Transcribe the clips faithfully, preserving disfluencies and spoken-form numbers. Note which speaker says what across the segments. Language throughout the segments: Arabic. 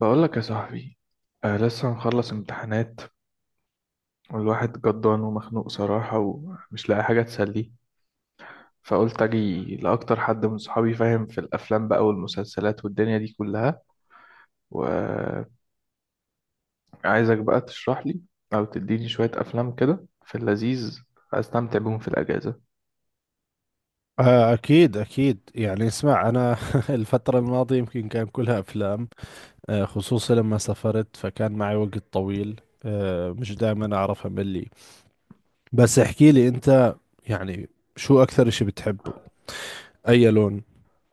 Speaker 1: بقول لك يا صاحبي، آه لسه مخلص امتحانات، والواحد جدان ومخنوق صراحة ومش لاقي حاجة تسليه. فقلت أجي لأكتر حد من صحابي فاهم في الأفلام بقى والمسلسلات والدنيا دي كلها، وعايزك بقى تشرح لي أو تديني شوية أفلام كده في اللذيذ أستمتع بيهم في الأجازة.
Speaker 2: آه، أكيد أكيد، يعني اسمع، أنا الفترة الماضية يمكن كان كلها أفلام. آه، خصوصا لما سافرت فكان معي وقت طويل. آه، مش دائما أعرف أملي. بس احكي لي أنت، يعني شو أكثر إشي بتحبه؟ أي لون؟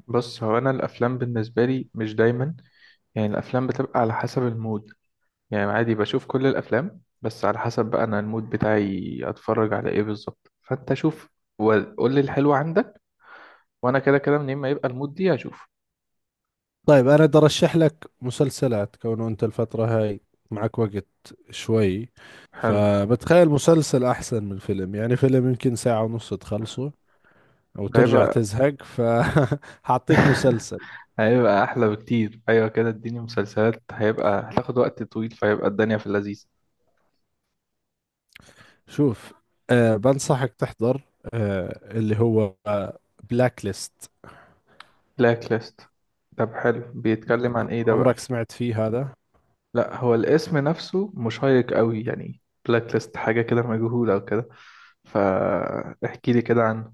Speaker 1: بص، هو أنا الأفلام بالنسبة لي مش دايما، يعني الأفلام بتبقى على حسب المود. يعني عادي بشوف كل الافلام بس على حسب بقى انا المود بتاعي اتفرج على ايه بالظبط. فانت شوف وقول لي الحلو عندك، وانا كده كده منين ما يبقى المود دي هشوف.
Speaker 2: طيب، أنا بدي أرشح لك مسلسلات كونه أنت الفترة هاي معك وقت شوي.
Speaker 1: حلو.
Speaker 2: فبتخيل مسلسل أحسن من فيلم، يعني فيلم يمكن ساعة ونص تخلصه أو ترجع
Speaker 1: هيبقى
Speaker 2: تزهق، فحاعطيك مسلسل.
Speaker 1: هيبقى احلى بكتير، ايوه كده اديني مسلسلات، هيبقى هتاخد وقت طويل فهيبقى الدنيا في اللذيذ.
Speaker 2: شوف، أه بنصحك تحضر، أه اللي هو بلاك ليست.
Speaker 1: بلاك ليست؟ طب حلو، بيتكلم عن ايه ده بقى؟
Speaker 2: عمرك سمعت فيه هذا؟
Speaker 1: لا، هو الاسم نفسه مشيق قوي يعني، بلاك ليست حاجه كده مجهوله او كده، فاحكي لي كده عنه.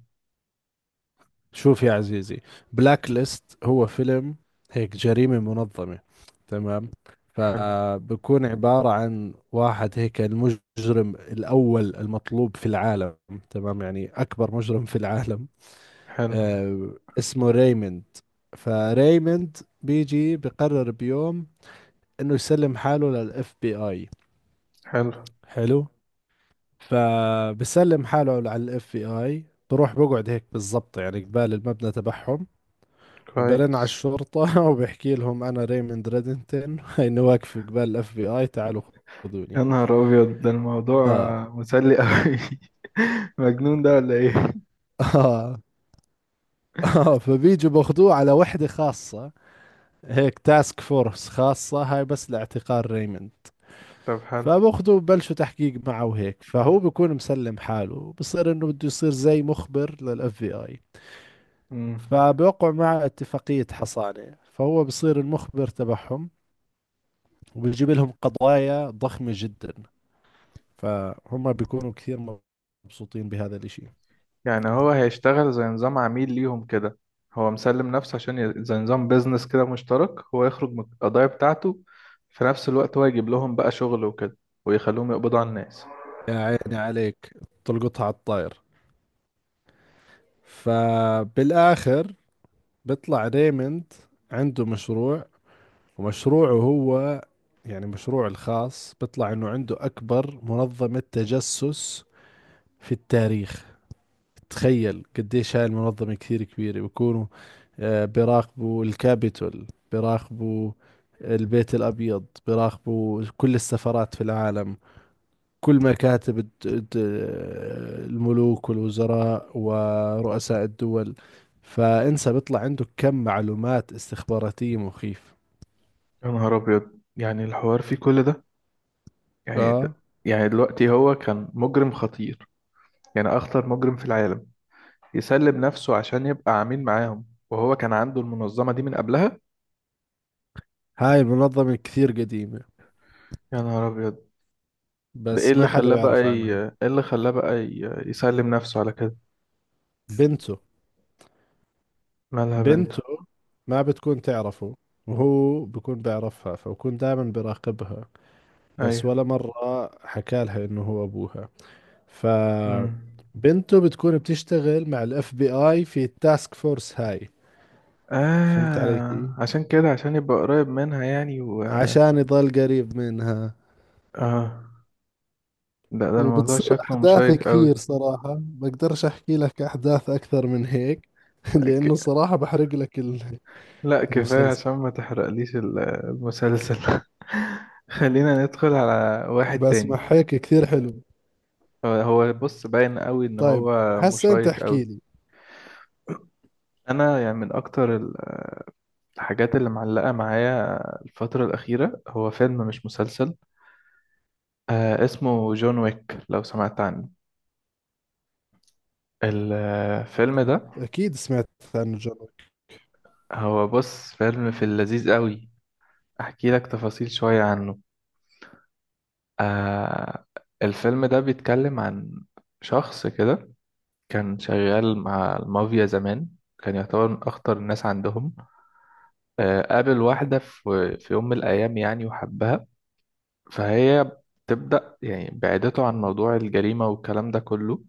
Speaker 2: شوف يا عزيزي، بلاك ليست هو فيلم هيك جريمة منظمة، تمام؟
Speaker 1: حلو.
Speaker 2: فبكون عبارة عن واحد هيك المجرم الأول المطلوب في العالم، تمام، يعني أكبر مجرم في العالم.
Speaker 1: حلو.
Speaker 2: أه اسمه ريموند. فريموند بيجي بقرر بيوم إنه يسلم حاله للإف بي آي.
Speaker 1: حلو.
Speaker 2: حلو. فبسلم حاله على الاف بي اي، بروح بقعد هيك بالضبط يعني قبال المبنى تبعهم، وبرن على
Speaker 1: كويس.
Speaker 2: الشرطة وبحكي لهم أنا ريموند ريدنتن إني واقف قبال الاف بي اي، تعالوا
Speaker 1: يا
Speaker 2: خذوني.
Speaker 1: نهار أبيض، ده الموضوع
Speaker 2: آه
Speaker 1: مسلي أوي. مجنون ده ولا إيه؟
Speaker 2: آه آه فبيجوا باخذوه على وحدة خاصة، هيك تاسك فورس خاصة هاي بس لاعتقال ريموند.
Speaker 1: طب حلو.
Speaker 2: فباخذوا ببلشوا تحقيق معه، وهيك فهو بيكون مسلم حاله بصير انه بده يصير زي مخبر للاف بي اي.
Speaker 1: مم.
Speaker 2: فبوقعوا مع اتفاقية حصانة، فهو بصير المخبر تبعهم، وبيجيب لهم قضايا ضخمة جدا. فهم بيكونوا كثير مبسوطين بهذا الاشي.
Speaker 1: يعني هو هيشتغل زي نظام عميل ليهم كده؟ هو مسلم نفسه عشان ي... زي نظام بيزنس كده مشترك، هو يخرج من القضايا بتاعته، في نفس الوقت هو يجيب لهم بقى شغل وكده ويخلوهم يقبضوا على الناس.
Speaker 2: يا عيني عليك، تلقطها على الطاير. فبالآخر بيطلع ريموند عنده مشروع، ومشروعه هو، يعني مشروعه الخاص بيطلع انه عنده أكبر منظمة تجسس في التاريخ. تخيل قديش هاي المنظمة كثير كبيرة، بيكونوا آه، بيراقبوا الكابيتول، بيراقبوا البيت الأبيض، بيراقبوا كل السفارات في العالم، كل مكاتب الد- الد- الملوك والوزراء ورؤساء الدول. فانسى بيطلع عنده كم معلومات استخباراتية مخيف.
Speaker 1: يا نهار أبيض، يعني الحوار فيه كل ده؟ يعني،
Speaker 2: اه
Speaker 1: يعني دلوقتي هو كان مجرم خطير، يعني أخطر مجرم في العالم، يسلب نفسه عشان يبقى عميل معاهم وهو كان عنده المنظمة دي من قبلها؟
Speaker 2: هاي المنظمة كثير قديمة
Speaker 1: يا نهار أبيض. ده إيه
Speaker 2: بس
Speaker 1: اللي
Speaker 2: ما حدا
Speaker 1: خلاه بقى
Speaker 2: بيعرف
Speaker 1: ي...
Speaker 2: عنها.
Speaker 1: إيه اللي خلاه بقى ي... يسلم نفسه على كده؟
Speaker 2: بنته.
Speaker 1: مالها بنته؟
Speaker 2: بنته ما بتكون تعرفه، وهو بكون بيعرفها فبكون دائما بيراقبها، بس ولا
Speaker 1: أيوة.
Speaker 2: مرة حكى لها انه هو ابوها. ف
Speaker 1: أمم.
Speaker 2: بنته بتكون بتشتغل مع الاف بي اي في التاسك فورس هاي. فهمت علي كيف؟
Speaker 1: آه عشان كده، عشان يبقى قريب منها يعني و...
Speaker 2: عشان يضل قريب منها.
Speaker 1: آه. ده ده الموضوع
Speaker 2: وبتصير
Speaker 1: شكله
Speaker 2: احداث
Speaker 1: مشيق
Speaker 2: كثير،
Speaker 1: قوي.
Speaker 2: صراحة بقدرش احكي لك احداث اكثر من هيك لانه
Speaker 1: ك...
Speaker 2: صراحة بحرق لك ال-
Speaker 1: لا كفاية
Speaker 2: المسلسل.
Speaker 1: عشان ما تحرقليش ال- المسلسل. خلينا ندخل على واحد
Speaker 2: بس
Speaker 1: تاني.
Speaker 2: مع هيك كثير حلو.
Speaker 1: هو هو بص باين قوي إن
Speaker 2: طيب،
Speaker 1: هو
Speaker 2: هسا انت
Speaker 1: مشيق قوي.
Speaker 2: احكي لي.
Speaker 1: انا يعني من اكتر ال- الحاجات اللي معلقه معايا الفتره الاخيره هو فيلم مش مسلسل، آه اسمه جون ويك لو سمعت عنه الفيلم ده.
Speaker 2: اكيد سمعت عن جون ويك.
Speaker 1: هو بص فيلم في اللذيذ قوي، احكي لك تفاصيل شويه عنه. آه، الفيلم ده بيتكلم عن شخص كده كان شغال مع المافيا زمان، كان يعتبر من اخطر الناس عندهم. آه قابل واحده في في يوم من الايام يعني وحبها، فهي بتبدأ يعني بعدته عن موضوع الجريمة والكلام ده كله.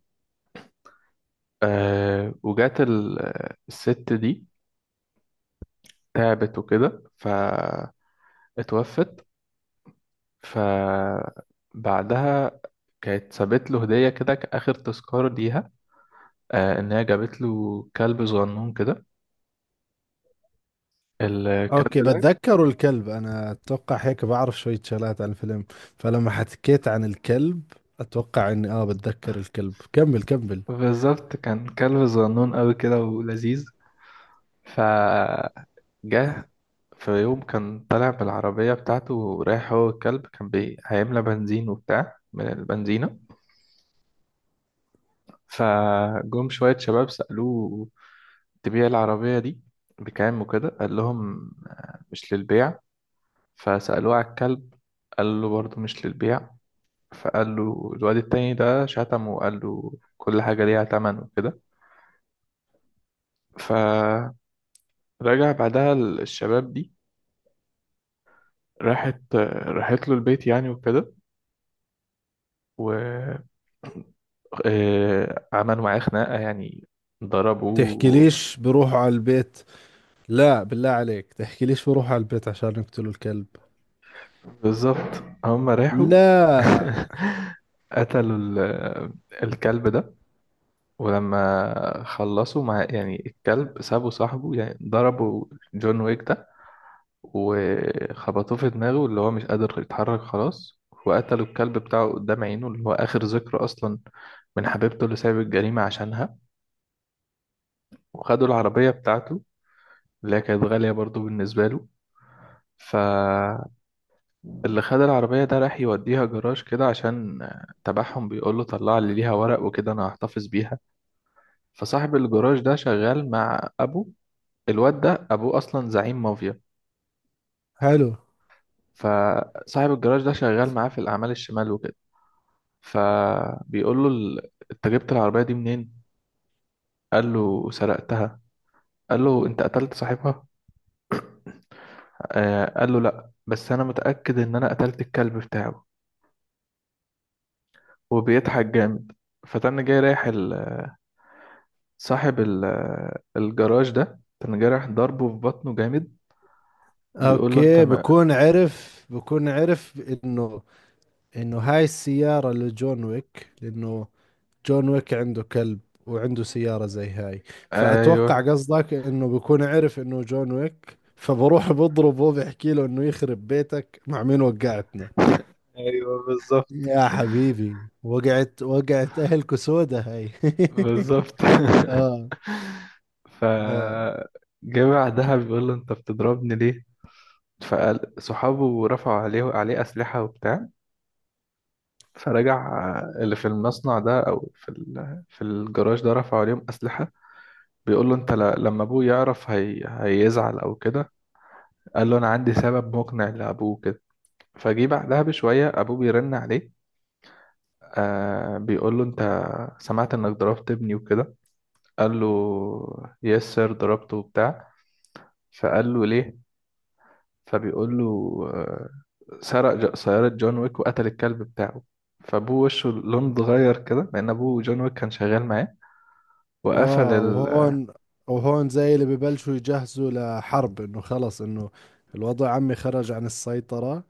Speaker 1: آه وجات ال- آه، الست دي تعبت وكده فاتوفت. فبعدها كانت سابت له هدية كده كآخر تذكار ليها، آه إن هي جابت له كلب صغنون كده. الكلب
Speaker 2: اوكي
Speaker 1: ده
Speaker 2: بتذكر الكلب، انا اتوقع هيك بعرف شوية شغلات عن الفيلم. فلما حكيت عن الكلب اتوقع اني اه بتذكر الكلب. كمل كمل.
Speaker 1: بالظبط كان كلب صغنون أوي كده ولذيذ. ف جه في يوم كان طالع بالعربية بتاعته ورايح هو والكلب، كان بي... هيملى بنزين وبتاع من البنزينة. فجم شوية شباب سألوه: تبيع العربية دي بكام وكده؟ قال لهم: آه، مش للبيع. فسألوه على الكلب، قال له برضه مش للبيع. فقال له الواد التاني ده شتمه وقال له كل حاجة ليها تمن وكده. فرجع. بعدها الشباب دي راحت راحت له البيت يعني وكده، و آه، عملوا معاه خناقة يعني،
Speaker 2: تحكي
Speaker 1: ضربوه.
Speaker 2: ليش بروحوا على البيت؟ لا بالله عليك، تحكي ليش بروحوا على البيت عشان يقتلوا الكلب؟
Speaker 1: بالظبط، هم راحوا.
Speaker 2: لا.
Speaker 1: قتلوا ال- الكلب ده. ولما خلصوا مع يعني الكلب، سابوا صاحبه يعني، ضربوا جون ويك ده وخبطوه في دماغه اللي هو مش قادر يتحرك خلاص، وقتلوا الكلب بتاعه قدام عينه اللي هو آخر ذكرى أصلا من حبيبته اللي سايب الجريمة عشانها. وخدوا العربية بتاعته اللي هي كانت غالية برضو بالنسبة له. ف اللي خد العربية ده راح يوديها جراج كده عشان آه، تبعهم بيقول له طلع لي ليها ورق وكده أنا هحتفظ بيها. فصاحب الجراج ده شغال مع أبو الواد ده، أبوه أصلا زعيم مافيا.
Speaker 2: حلو.
Speaker 1: فصاحب الجراج ده شغال معاه في الأعمال الشمال وكده. فبيقول له ال- أنت جبت العربية دي منين؟ قال له: سرقتها. قال له: أنت قتلت صاحبها؟ آه قال له: لأ بس أنا متأكد إن أنا قتلت الكلب بتاعه. وبيضحك جامد. فتن جاي رايح ال- صاحب ال- الجراج ده كان جارح، ضربه في بطنه جامد. بيقول له: انت
Speaker 2: اوكي،
Speaker 1: ما
Speaker 2: بكون عرف بكون عرف انه انه هاي السيارة لجون ويك، لانه جون ويك عنده كلب وعنده سيارة زي هاي.
Speaker 1: ايوه
Speaker 2: فأتوقع قصدك إنه بكون عرف إنه جون ويك، فبروح بضربه بحكي له إنه يخرب بيتك، مع مين وقعتنا.
Speaker 1: ايوه بالظبط.
Speaker 2: يا حبيبي، وقعت وقعت، أهلكو سودة هاي.
Speaker 1: بالظبط.
Speaker 2: آه.
Speaker 1: ف
Speaker 2: آه،
Speaker 1: جه بعدها بيقول له: انت بتضربني ليه؟ فقال صحابه رفعوا عليه عليه اسلحه وبتاع. فرجع اللي في المصنع ده او في ال... في الجراج ده رفعوا عليهم اسلحه. بيقول له: انت ل... لما ابوه يعرف هي... هيزعل او كده. قال له: انا عندي سبب مقنع لابوه كده. فجي بعدها بشوية أبوه بيرن عليه، آه بيقول له: أنت سمعت إنك ضربت ابني وكده؟ قال له: يس سير، ضربته وبتاع. فقال له: ليه؟ فبيقول له: آه سرق ج- سيارة جون ويك وقتل الكلب بتاعه. فأبوه وشه لون اتغير كده لأن أبوه جون ويك كان شغال معاه. وقفل
Speaker 2: آه،
Speaker 1: ال...
Speaker 2: وهون، وهون زي اللي ببلشوا يجهزوا لحرب، إنه خلص إنه الوضع عمي خرج عن السيطرة،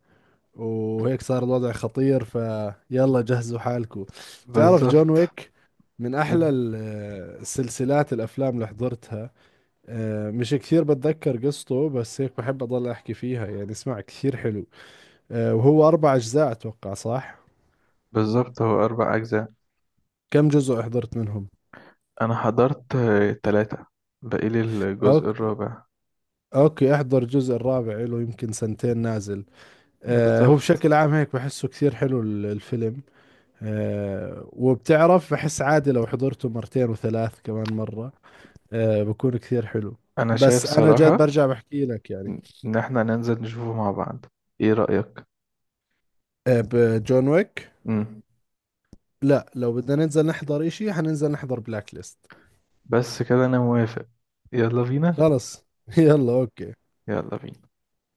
Speaker 2: وهيك صار الوضع خطير، فيلا جهزوا حالكم. تعرف جون
Speaker 1: بالظبط.
Speaker 2: ويك من احلى ال- السلسلات الافلام اللي حضرتها. آه، مش كثير بتذكر قصته بس هيك بحب اضل احكي فيها، يعني اسمع كثير حلو. آه، وهو اربع اجزاء اتوقع، صح؟
Speaker 1: بالظبط، هو أربع أجزاء.
Speaker 2: كم جزء حضرت منهم؟
Speaker 1: أنا حضرت آه، تلاتة، باقي لي الجزء
Speaker 2: اوكي
Speaker 1: الرابع.
Speaker 2: اوكي، احضر الجزء الرابع، له يمكن سنتين نازل. آه، هو
Speaker 1: بالظبط.
Speaker 2: بشكل عام هيك بحسه كثير حلو ال- الفيلم. آه، وبتعرف بحس عادي لو حضرته مرتين وثلاث كمان مرة آه بكون كثير حلو.
Speaker 1: أنا شايف
Speaker 2: بس انا جد
Speaker 1: صراحة
Speaker 2: برجع بحكي لك يعني.
Speaker 1: ان احنا ننزل نشوفه مع بعض، ايه رأيك؟
Speaker 2: آه بجون ويك.
Speaker 1: امم.
Speaker 2: لا لو بدنا ننزل نحضر اشي حننزل نحضر بلاك ليست.
Speaker 1: بس كده انا موافق، يلا بينا.
Speaker 2: خلص يلا اوكي
Speaker 1: يلا بينا.